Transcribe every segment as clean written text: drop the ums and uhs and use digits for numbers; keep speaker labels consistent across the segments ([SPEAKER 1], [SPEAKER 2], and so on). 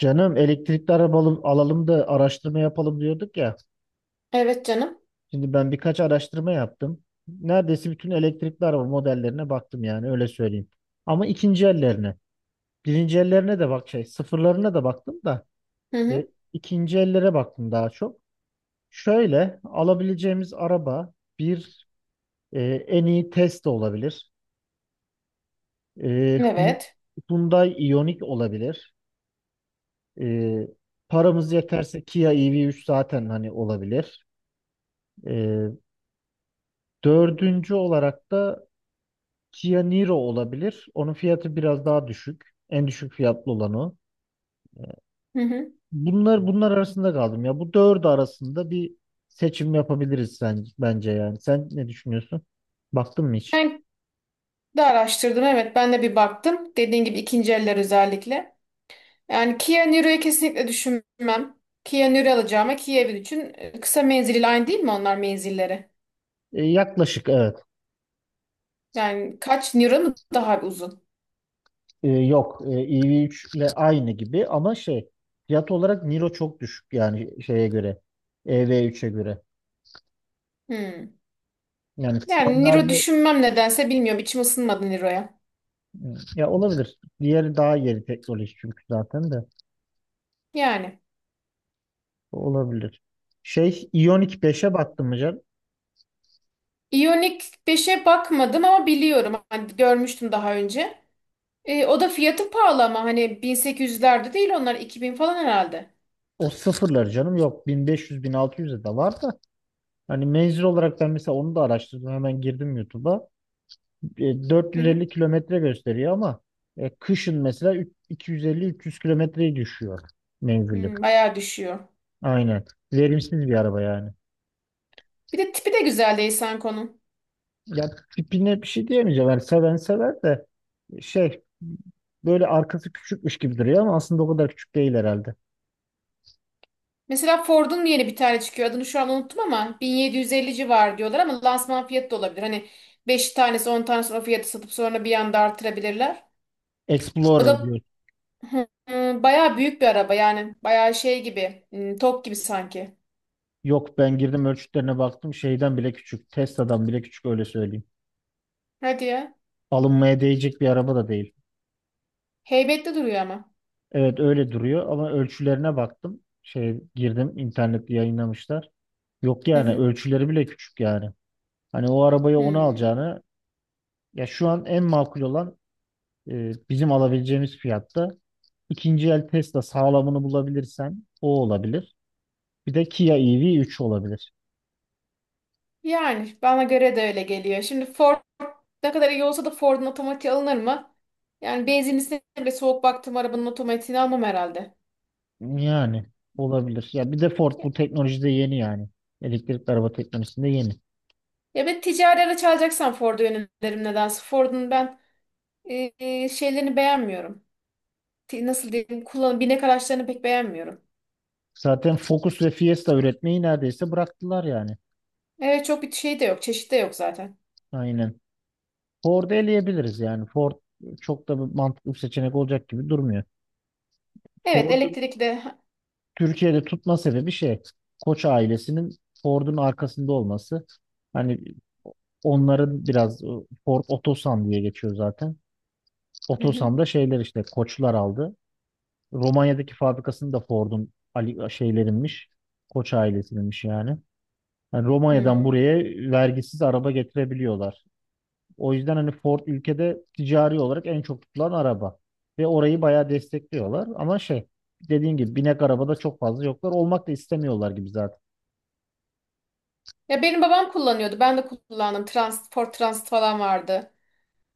[SPEAKER 1] Canım elektrikli arabalı alalım da araştırma yapalım diyorduk ya.
[SPEAKER 2] Evet canım.
[SPEAKER 1] Şimdi ben birkaç araştırma yaptım. Neredeyse bütün elektrikli araba modellerine baktım yani öyle söyleyeyim. Ama ikinci ellerine. Birinci ellerine de bak şey sıfırlarına da baktım da.
[SPEAKER 2] Hı
[SPEAKER 1] Ve
[SPEAKER 2] hı.
[SPEAKER 1] ikinci ellere baktım daha çok. Şöyle alabileceğimiz araba bir e, en iyi Tesla olabilir. E, Hy-
[SPEAKER 2] Evet.
[SPEAKER 1] Hyundai Ioniq olabilir. E, paramız yeterse Kia EV3 zaten hani olabilir. E, Dördüncü olarak da Kia Niro olabilir. Onun fiyatı biraz daha düşük. En düşük fiyatlı olan o.
[SPEAKER 2] Hı hı.
[SPEAKER 1] Bunlar arasında kaldım ya. Bu dördü arasında bir seçim yapabiliriz sen, bence yani. Sen ne düşünüyorsun? Baktın mı hiç?
[SPEAKER 2] Ben de araştırdım. Evet ben de bir baktım. Dediğin gibi ikinci eller özellikle. Yani Kia Niro'yu kesinlikle düşünmem. Kia Niro alacağıma Kia Evil için kısa menzilli aynı değil mi onlar menzilleri?
[SPEAKER 1] Yaklaşık evet.
[SPEAKER 2] Yani kaç Niro mu daha bir uzun?
[SPEAKER 1] Yok EV3 ile aynı gibi ama şey fiyat olarak Niro çok düşük yani şeye göre. EV3'e göre.
[SPEAKER 2] Hmm.
[SPEAKER 1] Yani
[SPEAKER 2] Yani Niro
[SPEAKER 1] standardı
[SPEAKER 2] düşünmem nedense bilmiyorum. İçim ısınmadı Niro'ya.
[SPEAKER 1] ya olabilir. Diğeri daha yeni teknoloji çünkü zaten de.
[SPEAKER 2] Yani.
[SPEAKER 1] Olabilir. Şey iyonik beşe baktım mı canım?
[SPEAKER 2] Ioniq 5'e bakmadım ama biliyorum. Hani görmüştüm daha önce. O da fiyatı pahalı ama hani 1800'lerde değil, onlar 2000 falan herhalde.
[SPEAKER 1] O sıfırlar canım yok. Bin, bin beş yüz, bin altı, 1600'e de var da. Hani menzil olarak ben mesela onu da araştırdım. Hemen girdim YouTube'a. E, dört
[SPEAKER 2] Hı
[SPEAKER 1] yüz
[SPEAKER 2] hı.
[SPEAKER 1] elli kilometre gösteriyor ama kışın mesela 250-300 kilometreyi düşüyor menzili.
[SPEAKER 2] Bayağı düşüyor.
[SPEAKER 1] Aynen. Verimsiz bir araba yani.
[SPEAKER 2] Bir de tipi de güzel değil Sanko'nun.
[SPEAKER 1] Ya tipine bir şey diyemeyeceğim. Yani seven sever de şey böyle arkası küçükmüş gibi duruyor ama aslında o kadar küçük değil herhalde.
[SPEAKER 2] Mesela Ford'un yeni bir tane çıkıyor. Adını şu an unuttum ama 1750 civarı diyorlar, ama lansman fiyatı da olabilir. Hani 5 tanesi, 10 tanesi o fiyatı satıp sonra bir anda artırabilirler. O
[SPEAKER 1] Explorer
[SPEAKER 2] da
[SPEAKER 1] diyor.
[SPEAKER 2] hı, hı, bayağı büyük bir araba yani. Bayağı şey gibi. Tok gibi sanki.
[SPEAKER 1] Yok ben girdim ölçütlerine baktım şeyden bile küçük. Tesla'dan bile küçük öyle söyleyeyim.
[SPEAKER 2] Hadi ya.
[SPEAKER 1] Alınmaya değecek bir araba da değil.
[SPEAKER 2] Heybetli duruyor ama.
[SPEAKER 1] Evet öyle duruyor ama ölçülerine baktım. Şey girdim internette yayınlamışlar. Yok
[SPEAKER 2] Hı
[SPEAKER 1] yani
[SPEAKER 2] hı.
[SPEAKER 1] ölçüleri bile küçük yani. Hani o arabaya onu
[SPEAKER 2] Hmm.
[SPEAKER 1] alacağını ya şu an en makul olan bizim alabileceğimiz fiyatta ikinci el Tesla sağlamını bulabilirsen o olabilir. Bir de Kia EV3 olabilir.
[SPEAKER 2] Yani bana göre de öyle geliyor. Şimdi Ford ne kadar iyi olsa da Ford'un otomatiği alınır mı? Yani benzinlisine bile soğuk baktım, arabanın otomatiğini almam herhalde.
[SPEAKER 1] Yani olabilir. Ya bir de Ford
[SPEAKER 2] Ya,
[SPEAKER 1] bu teknolojide yeni yani. Elektrikli araba teknolojisinde yeni.
[SPEAKER 2] ya ben ticari araç alacaksam Ford'u yönelirim nedense. Ford'un ben şeylerini beğenmiyorum. Nasıl diyeyim? Kullanım, binek araçlarını pek beğenmiyorum.
[SPEAKER 1] Zaten Focus ve Fiesta üretmeyi neredeyse bıraktılar yani.
[SPEAKER 2] Evet çok bir şey de yok. Çeşit de yok zaten.
[SPEAKER 1] Aynen. Ford'u eleyebiliriz yani. Ford çok da bir mantıklı bir seçenek olacak gibi durmuyor.
[SPEAKER 2] Evet
[SPEAKER 1] Ford'un
[SPEAKER 2] elektrikli de.
[SPEAKER 1] Türkiye'de tutma sebebi şey. Koç ailesinin Ford'un arkasında olması. Hani onların biraz Ford Otosan diye geçiyor zaten.
[SPEAKER 2] Hı hı.
[SPEAKER 1] Otosan'da şeyler işte Koçlar aldı. Romanya'daki fabrikasını da Ford'un Ali şeylerinmiş. Koç ailesininmiş yani. Yani Romanya'dan
[SPEAKER 2] Hmm.
[SPEAKER 1] buraya vergisiz araba getirebiliyorlar. O yüzden hani Ford ülkede ticari olarak en çok tutulan araba. Ve orayı bayağı destekliyorlar. Ama şey dediğin gibi binek arabada çok fazla yoklar. Olmak da istemiyorlar gibi zaten.
[SPEAKER 2] Ya benim babam kullanıyordu. Ben de kullandım. Ford Transit falan vardı.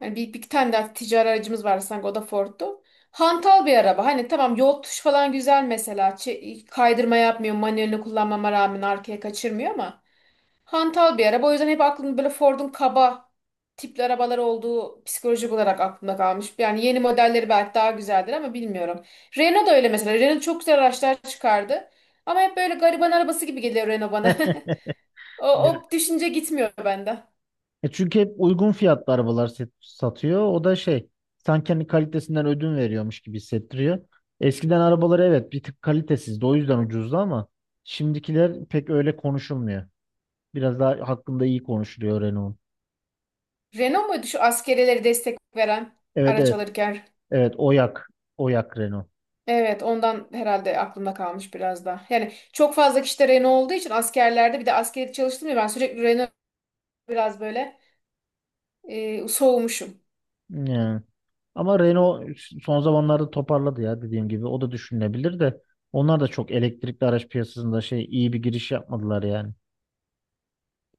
[SPEAKER 2] Yani bir tane daha ticari aracımız vardı sanki, o da Ford'tu. Hantal bir araba. Hani tamam, yol tuş falan güzel mesela. Kaydırma yapmıyor. Manuelini kullanmama rağmen arkaya kaçırmıyor ama. Hantal bir araba. O yüzden hep aklımda böyle Ford'un kaba tipli arabalar olduğu psikolojik olarak aklımda kalmış. Yani yeni modelleri belki daha güzeldir ama bilmiyorum. Renault da öyle mesela. Renault çok güzel araçlar çıkardı. Ama hep böyle gariban arabası gibi geliyor Renault bana. O düşünce gitmiyor benden.
[SPEAKER 1] Çünkü hep uygun fiyatlı arabalar satıyor. O da şey sanki hani kalitesinden ödün veriyormuş gibi hissettiriyor. Eskiden arabaları evet bir tık kalitesizdi. O yüzden ucuzdu ama şimdikiler pek öyle konuşulmuyor. Biraz daha hakkında iyi konuşuluyor Renault'un.
[SPEAKER 2] Renault muydu şu askerelere destek veren
[SPEAKER 1] Evet,
[SPEAKER 2] araç
[SPEAKER 1] evet.
[SPEAKER 2] alırken?
[SPEAKER 1] Evet, Oyak. Oyak Renault.
[SPEAKER 2] Evet, ondan herhalde aklımda kalmış biraz da. Yani çok fazla kişi de Renault olduğu için askerlerde, bir de askeri çalıştım ya, ben sürekli Renault biraz böyle soğumuşum.
[SPEAKER 1] Yani. Ama Renault son zamanlarda toparladı ya dediğim gibi. O da düşünülebilir de. Onlar da çok elektrikli araç piyasasında şey iyi bir giriş yapmadılar yani.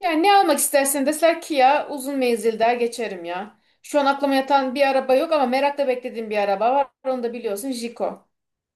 [SPEAKER 2] Yani ne almak istersen deseler ki ya uzun menzil der geçerim ya. Şu an aklıma yatan bir araba yok ama merakla beklediğim bir araba var. Onu da biliyorsun, Jiko.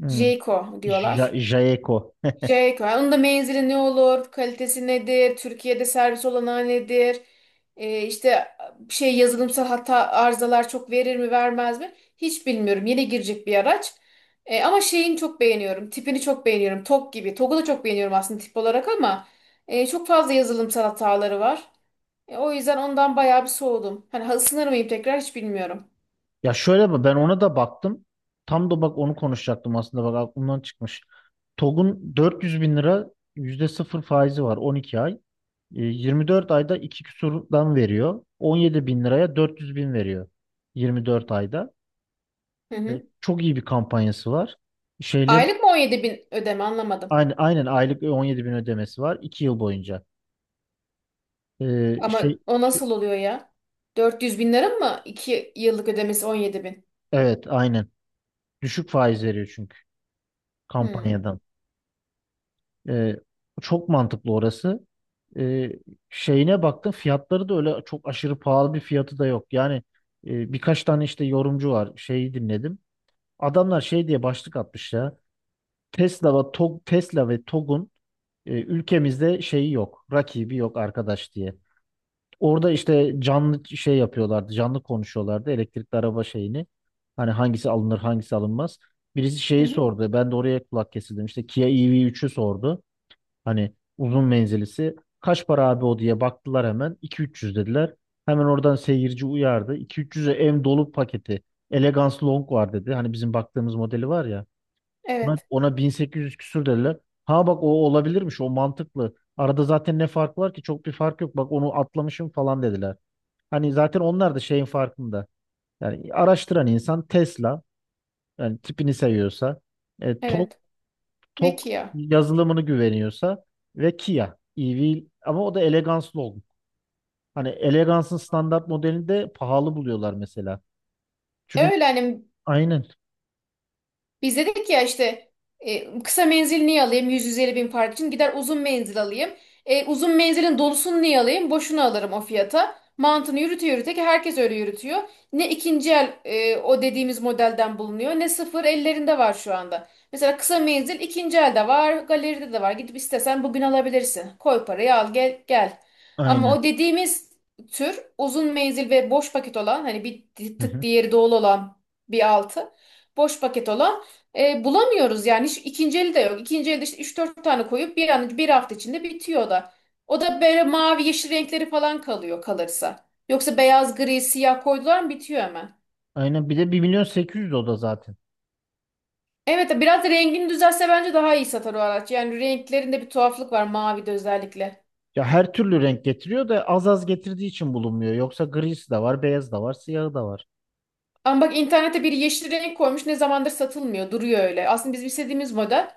[SPEAKER 1] Hmm.
[SPEAKER 2] Jiko diyorlar.
[SPEAKER 1] Jaeco.
[SPEAKER 2] Şey koyar. Onun da menzili ne olur, kalitesi nedir, Türkiye'de servis olanağı nedir, işte şey, yazılımsal hata arızalar çok verir mi vermez mi? Hiç bilmiyorum. Yeni girecek bir araç. Ama şeyini çok beğeniyorum. Tipini çok beğeniyorum. Tok gibi. Tog'u da çok beğeniyorum aslında tip olarak, ama çok fazla yazılımsal hataları var. O yüzden ondan bayağı bir soğudum. Hani ısınır mıyım tekrar hiç bilmiyorum.
[SPEAKER 1] Ya şöyle bak ben ona da baktım. Tam da bak onu konuşacaktım aslında bak aklımdan çıkmış. TOG'un 400 bin lira %0 faizi var 12 ay. 24 ayda 2 küsurdan veriyor. 17 bin liraya 400 bin veriyor. 24 ayda.
[SPEAKER 2] Hı
[SPEAKER 1] E,
[SPEAKER 2] hı.
[SPEAKER 1] Çok iyi bir kampanyası var. Şeylerin
[SPEAKER 2] Aylık mı 17 bin ödeme, anlamadım.
[SPEAKER 1] aynı, aynen aylık 17 bin ödemesi var 2 yıl boyunca. E,
[SPEAKER 2] Ama
[SPEAKER 1] şey,
[SPEAKER 2] o
[SPEAKER 1] şey-
[SPEAKER 2] nasıl oluyor ya? 400 bin lira mı? 2 yıllık ödemesi 17 bin.
[SPEAKER 1] evet aynen. Düşük faiz veriyor çünkü
[SPEAKER 2] Hmm.
[SPEAKER 1] kampanyadan. Ee, Çok mantıklı orası. Ee, Şeyine baktım fiyatları da öyle çok aşırı pahalı bir fiyatı da yok. Yani birkaç tane işte yorumcu var şeyi dinledim. Adamlar şey diye başlık atmış ya. Tesla ve Togg'un ülkemizde şeyi yok. Rakibi yok arkadaş diye. Orada işte canlı şey yapıyorlardı. Canlı konuşuyorlardı elektrikli araba şeyini. Hani hangisi alınır hangisi alınmaz. Birisi
[SPEAKER 2] Hı
[SPEAKER 1] şeyi
[SPEAKER 2] hı.
[SPEAKER 1] sordu. Ben de oraya kulak kesildim. İşte Kia EV3'ü sordu. Hani uzun menzilisi. Kaç para abi o diye baktılar hemen. İki üç yüz dediler. Hemen oradan seyirci uyardı. İki üç yüz'e ev dolu paketi. Elegance Long var dedi. Hani bizim baktığımız modeli var ya. Ona,
[SPEAKER 2] Evet.
[SPEAKER 1] ona 1.800 küsür dediler. Ha bak o olabilirmiş. O mantıklı. Arada zaten ne fark var ki? Çok bir fark yok. Bak onu atlamışım falan dediler. Hani zaten onlar da şeyin farkında. Yani araştıran insan Tesla. Yani tipini seviyorsa. E, Toz
[SPEAKER 2] Evet.
[SPEAKER 1] Tok
[SPEAKER 2] Peki ya.
[SPEAKER 1] yazılımını güveniyorsa ve Kia EV ama o da eleganslı oldu. Hani elegansın standart modelini de pahalı buluyorlar mesela.
[SPEAKER 2] E
[SPEAKER 1] Çünkü
[SPEAKER 2] öyle hani,
[SPEAKER 1] aynen,
[SPEAKER 2] biz dedik ya işte, kısa menzil niye alayım 100-150 bin fark için, gider uzun menzil alayım. Uzun menzilin dolusunu niye alayım, boşuna alırım o fiyata. Mantığını yürüte yürüte ki herkes öyle yürütüyor. Ne ikinci el o dediğimiz modelden bulunuyor, ne sıfır ellerinde var şu anda. Mesela kısa menzil ikinci elde var, galeride de var, gidip istesen bugün alabilirsin. Koy parayı, al gel gel. Ama
[SPEAKER 1] aynen.
[SPEAKER 2] o dediğimiz tür uzun menzil ve boş paket olan, hani bir
[SPEAKER 1] Hı
[SPEAKER 2] tık
[SPEAKER 1] hı.
[SPEAKER 2] diğeri dolu olan bir altı, boş paket olan, bulamıyoruz yani. Hiç ikinci eli de yok. İkinci elde işte 3-4 tane koyup bir an, bir hafta içinde bitiyor o da. O da böyle mavi yeşil renkleri falan kalıyor, kalırsa. Yoksa beyaz, gri, siyah koydular mı bitiyor hemen.
[SPEAKER 1] Aynen, bir de 1.800.000 o da zaten.
[SPEAKER 2] Evet, biraz da rengini düzelse bence daha iyi satar o araç. Yani renklerinde bir tuhaflık var, mavide özellikle.
[SPEAKER 1] Ya her türlü renk getiriyor da az az getirdiği için bulunmuyor. Yoksa grisi de var, beyaz da var, siyahı da var.
[SPEAKER 2] Ama bak, internete bir yeşil renk koymuş, ne zamandır satılmıyor, duruyor öyle. Aslında bizim istediğimiz model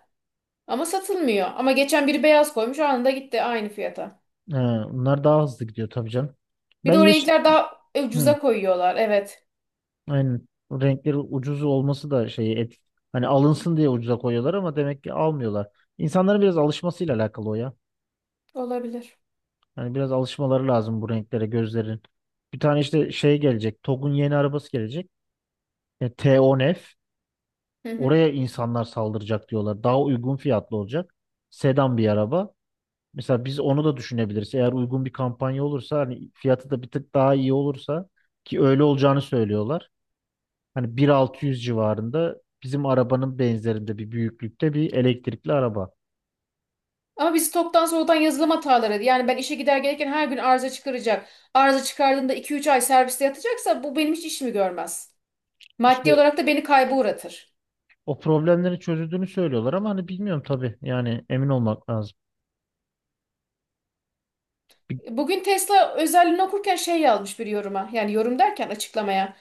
[SPEAKER 2] ama satılmıyor. Ama geçen biri beyaz koymuş, anında gitti aynı fiyata.
[SPEAKER 1] He, bunlar daha hızlı gidiyor tabii canım. Ben
[SPEAKER 2] Bir de o
[SPEAKER 1] yeşil.
[SPEAKER 2] renkler daha
[SPEAKER 1] Hı.
[SPEAKER 2] ucuza koyuyorlar, evet
[SPEAKER 1] Aynen. O renkleri ucuz olması da şeyi et. Hani alınsın diye ucuza koyuyorlar ama demek ki almıyorlar. İnsanların biraz alışmasıyla alakalı o ya.
[SPEAKER 2] olabilir.
[SPEAKER 1] Hani biraz alışmaları lazım bu renklere gözlerin. Bir tane işte şey gelecek. TOGG'un yeni arabası gelecek. T10F.
[SPEAKER 2] Hı hı.
[SPEAKER 1] Oraya insanlar saldıracak diyorlar. Daha uygun fiyatlı olacak. Sedan bir araba. Mesela biz onu da düşünebiliriz. Eğer uygun bir kampanya olursa hani fiyatı da bir tık daha iyi olursa ki öyle olacağını söylüyorlar. Hani 1.600 civarında bizim arabanın benzerinde bir büyüklükte bir elektrikli araba.
[SPEAKER 2] Ama biz toptan soğuktan, yazılım hataları. Yani ben işe gider gelirken her gün arıza çıkaracak. Arıza çıkardığında 2-3 ay serviste yatacaksa bu benim hiç işimi görmez. Maddi
[SPEAKER 1] İşte
[SPEAKER 2] olarak da beni kayba uğratır.
[SPEAKER 1] o problemlerin çözüldüğünü söylüyorlar ama hani bilmiyorum tabii. Yani emin olmak lazım. Bir-
[SPEAKER 2] Bugün Tesla özelliğini okurken şey yazmış bir yoruma. Yani yorum derken, açıklamaya.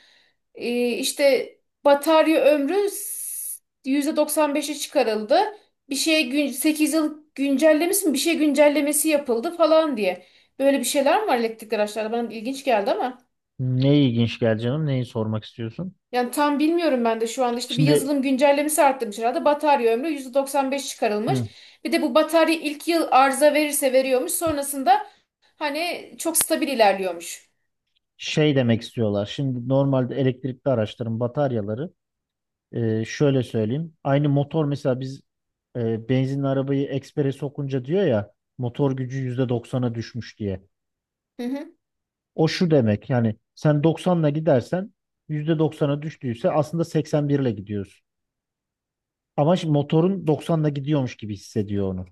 [SPEAKER 2] İşte batarya ömrü %95'e çıkarıldı. Bir şey gün, 8 yıl güncellemesi mi? Bir şey güncellemesi yapıldı falan diye. Böyle bir şeyler mi var elektrikli araçlarda? Bana ilginç geldi ama.
[SPEAKER 1] Ne ilginç geldi canım? Neyi sormak istiyorsun?
[SPEAKER 2] Yani tam bilmiyorum, ben de şu anda işte bir
[SPEAKER 1] Şimdi
[SPEAKER 2] yazılım güncellemesi arttırmış herhalde. Batarya ömrü %95 çıkarılmış.
[SPEAKER 1] hı,
[SPEAKER 2] Bir de bu batarya ilk yıl arıza verirse veriyormuş. Sonrasında hani çok stabil ilerliyormuş.
[SPEAKER 1] şey demek istiyorlar. Şimdi normalde elektrikli araçların bataryaları şöyle söyleyeyim. Aynı motor mesela biz benzinli arabayı ekspere sokunca diyor ya motor gücü %90'a düşmüş diye.
[SPEAKER 2] Hı hı
[SPEAKER 1] O şu demek yani sen 90'la gidersen %90'a düştüyse aslında 81 ile gidiyorsun. Ama şimdi motorun 90'la gidiyormuş gibi hissediyor onu.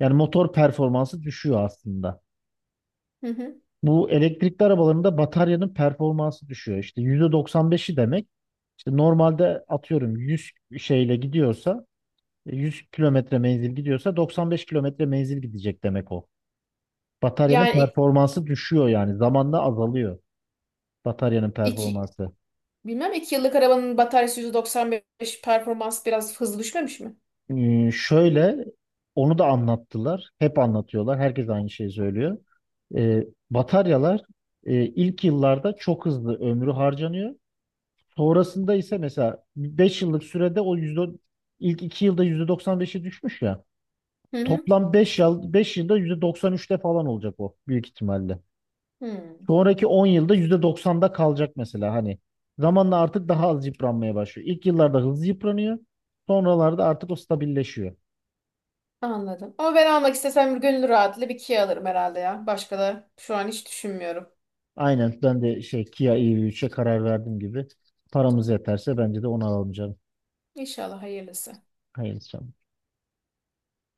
[SPEAKER 1] Yani motor performansı düşüyor aslında.
[SPEAKER 2] hı. Hı.
[SPEAKER 1] Bu elektrikli arabalarında bataryanın performansı düşüyor. İşte %95'i demek işte normalde atıyorum 100 şeyle gidiyorsa 100 kilometre menzil gidiyorsa 95 kilometre menzil gidecek demek o. Bataryanın
[SPEAKER 2] Yani
[SPEAKER 1] performansı düşüyor yani zamanla azalıyor bataryanın
[SPEAKER 2] iki,
[SPEAKER 1] performansı.
[SPEAKER 2] bilmem 2 yıllık arabanın bataryası %95 performans biraz hızlı düşmemiş mi?
[SPEAKER 1] Şöyle onu da anlattılar. Hep anlatıyorlar. Herkes aynı şeyi söylüyor. Ee, Bataryalar ilk yıllarda çok hızlı ömrü harcanıyor. Sonrasında ise mesela 5 yıllık sürede o yüzde ilk 2 yılda %95'e düşmüş ya.
[SPEAKER 2] Hı hı.
[SPEAKER 1] Toplam 5 yılda %93'te falan olacak o büyük ihtimalle.
[SPEAKER 2] Hmm,
[SPEAKER 1] Sonraki 10 yılda %90'da kalacak mesela hani. Zamanla artık daha az yıpranmaya başlıyor. İlk yıllarda hızlı yıpranıyor. Sonralarda artık o stabilleşiyor.
[SPEAKER 2] Anladım. Ama ben almak istesem gönül rahatlığıyla bir Kia alırım herhalde ya. Başka da şu an hiç düşünmüyorum.
[SPEAKER 1] Aynen ben de şey Kia EV3'e karar verdim gibi. Paramız yeterse bence de onu alacağım.
[SPEAKER 2] İnşallah hayırlısı.
[SPEAKER 1] Hayırlısı.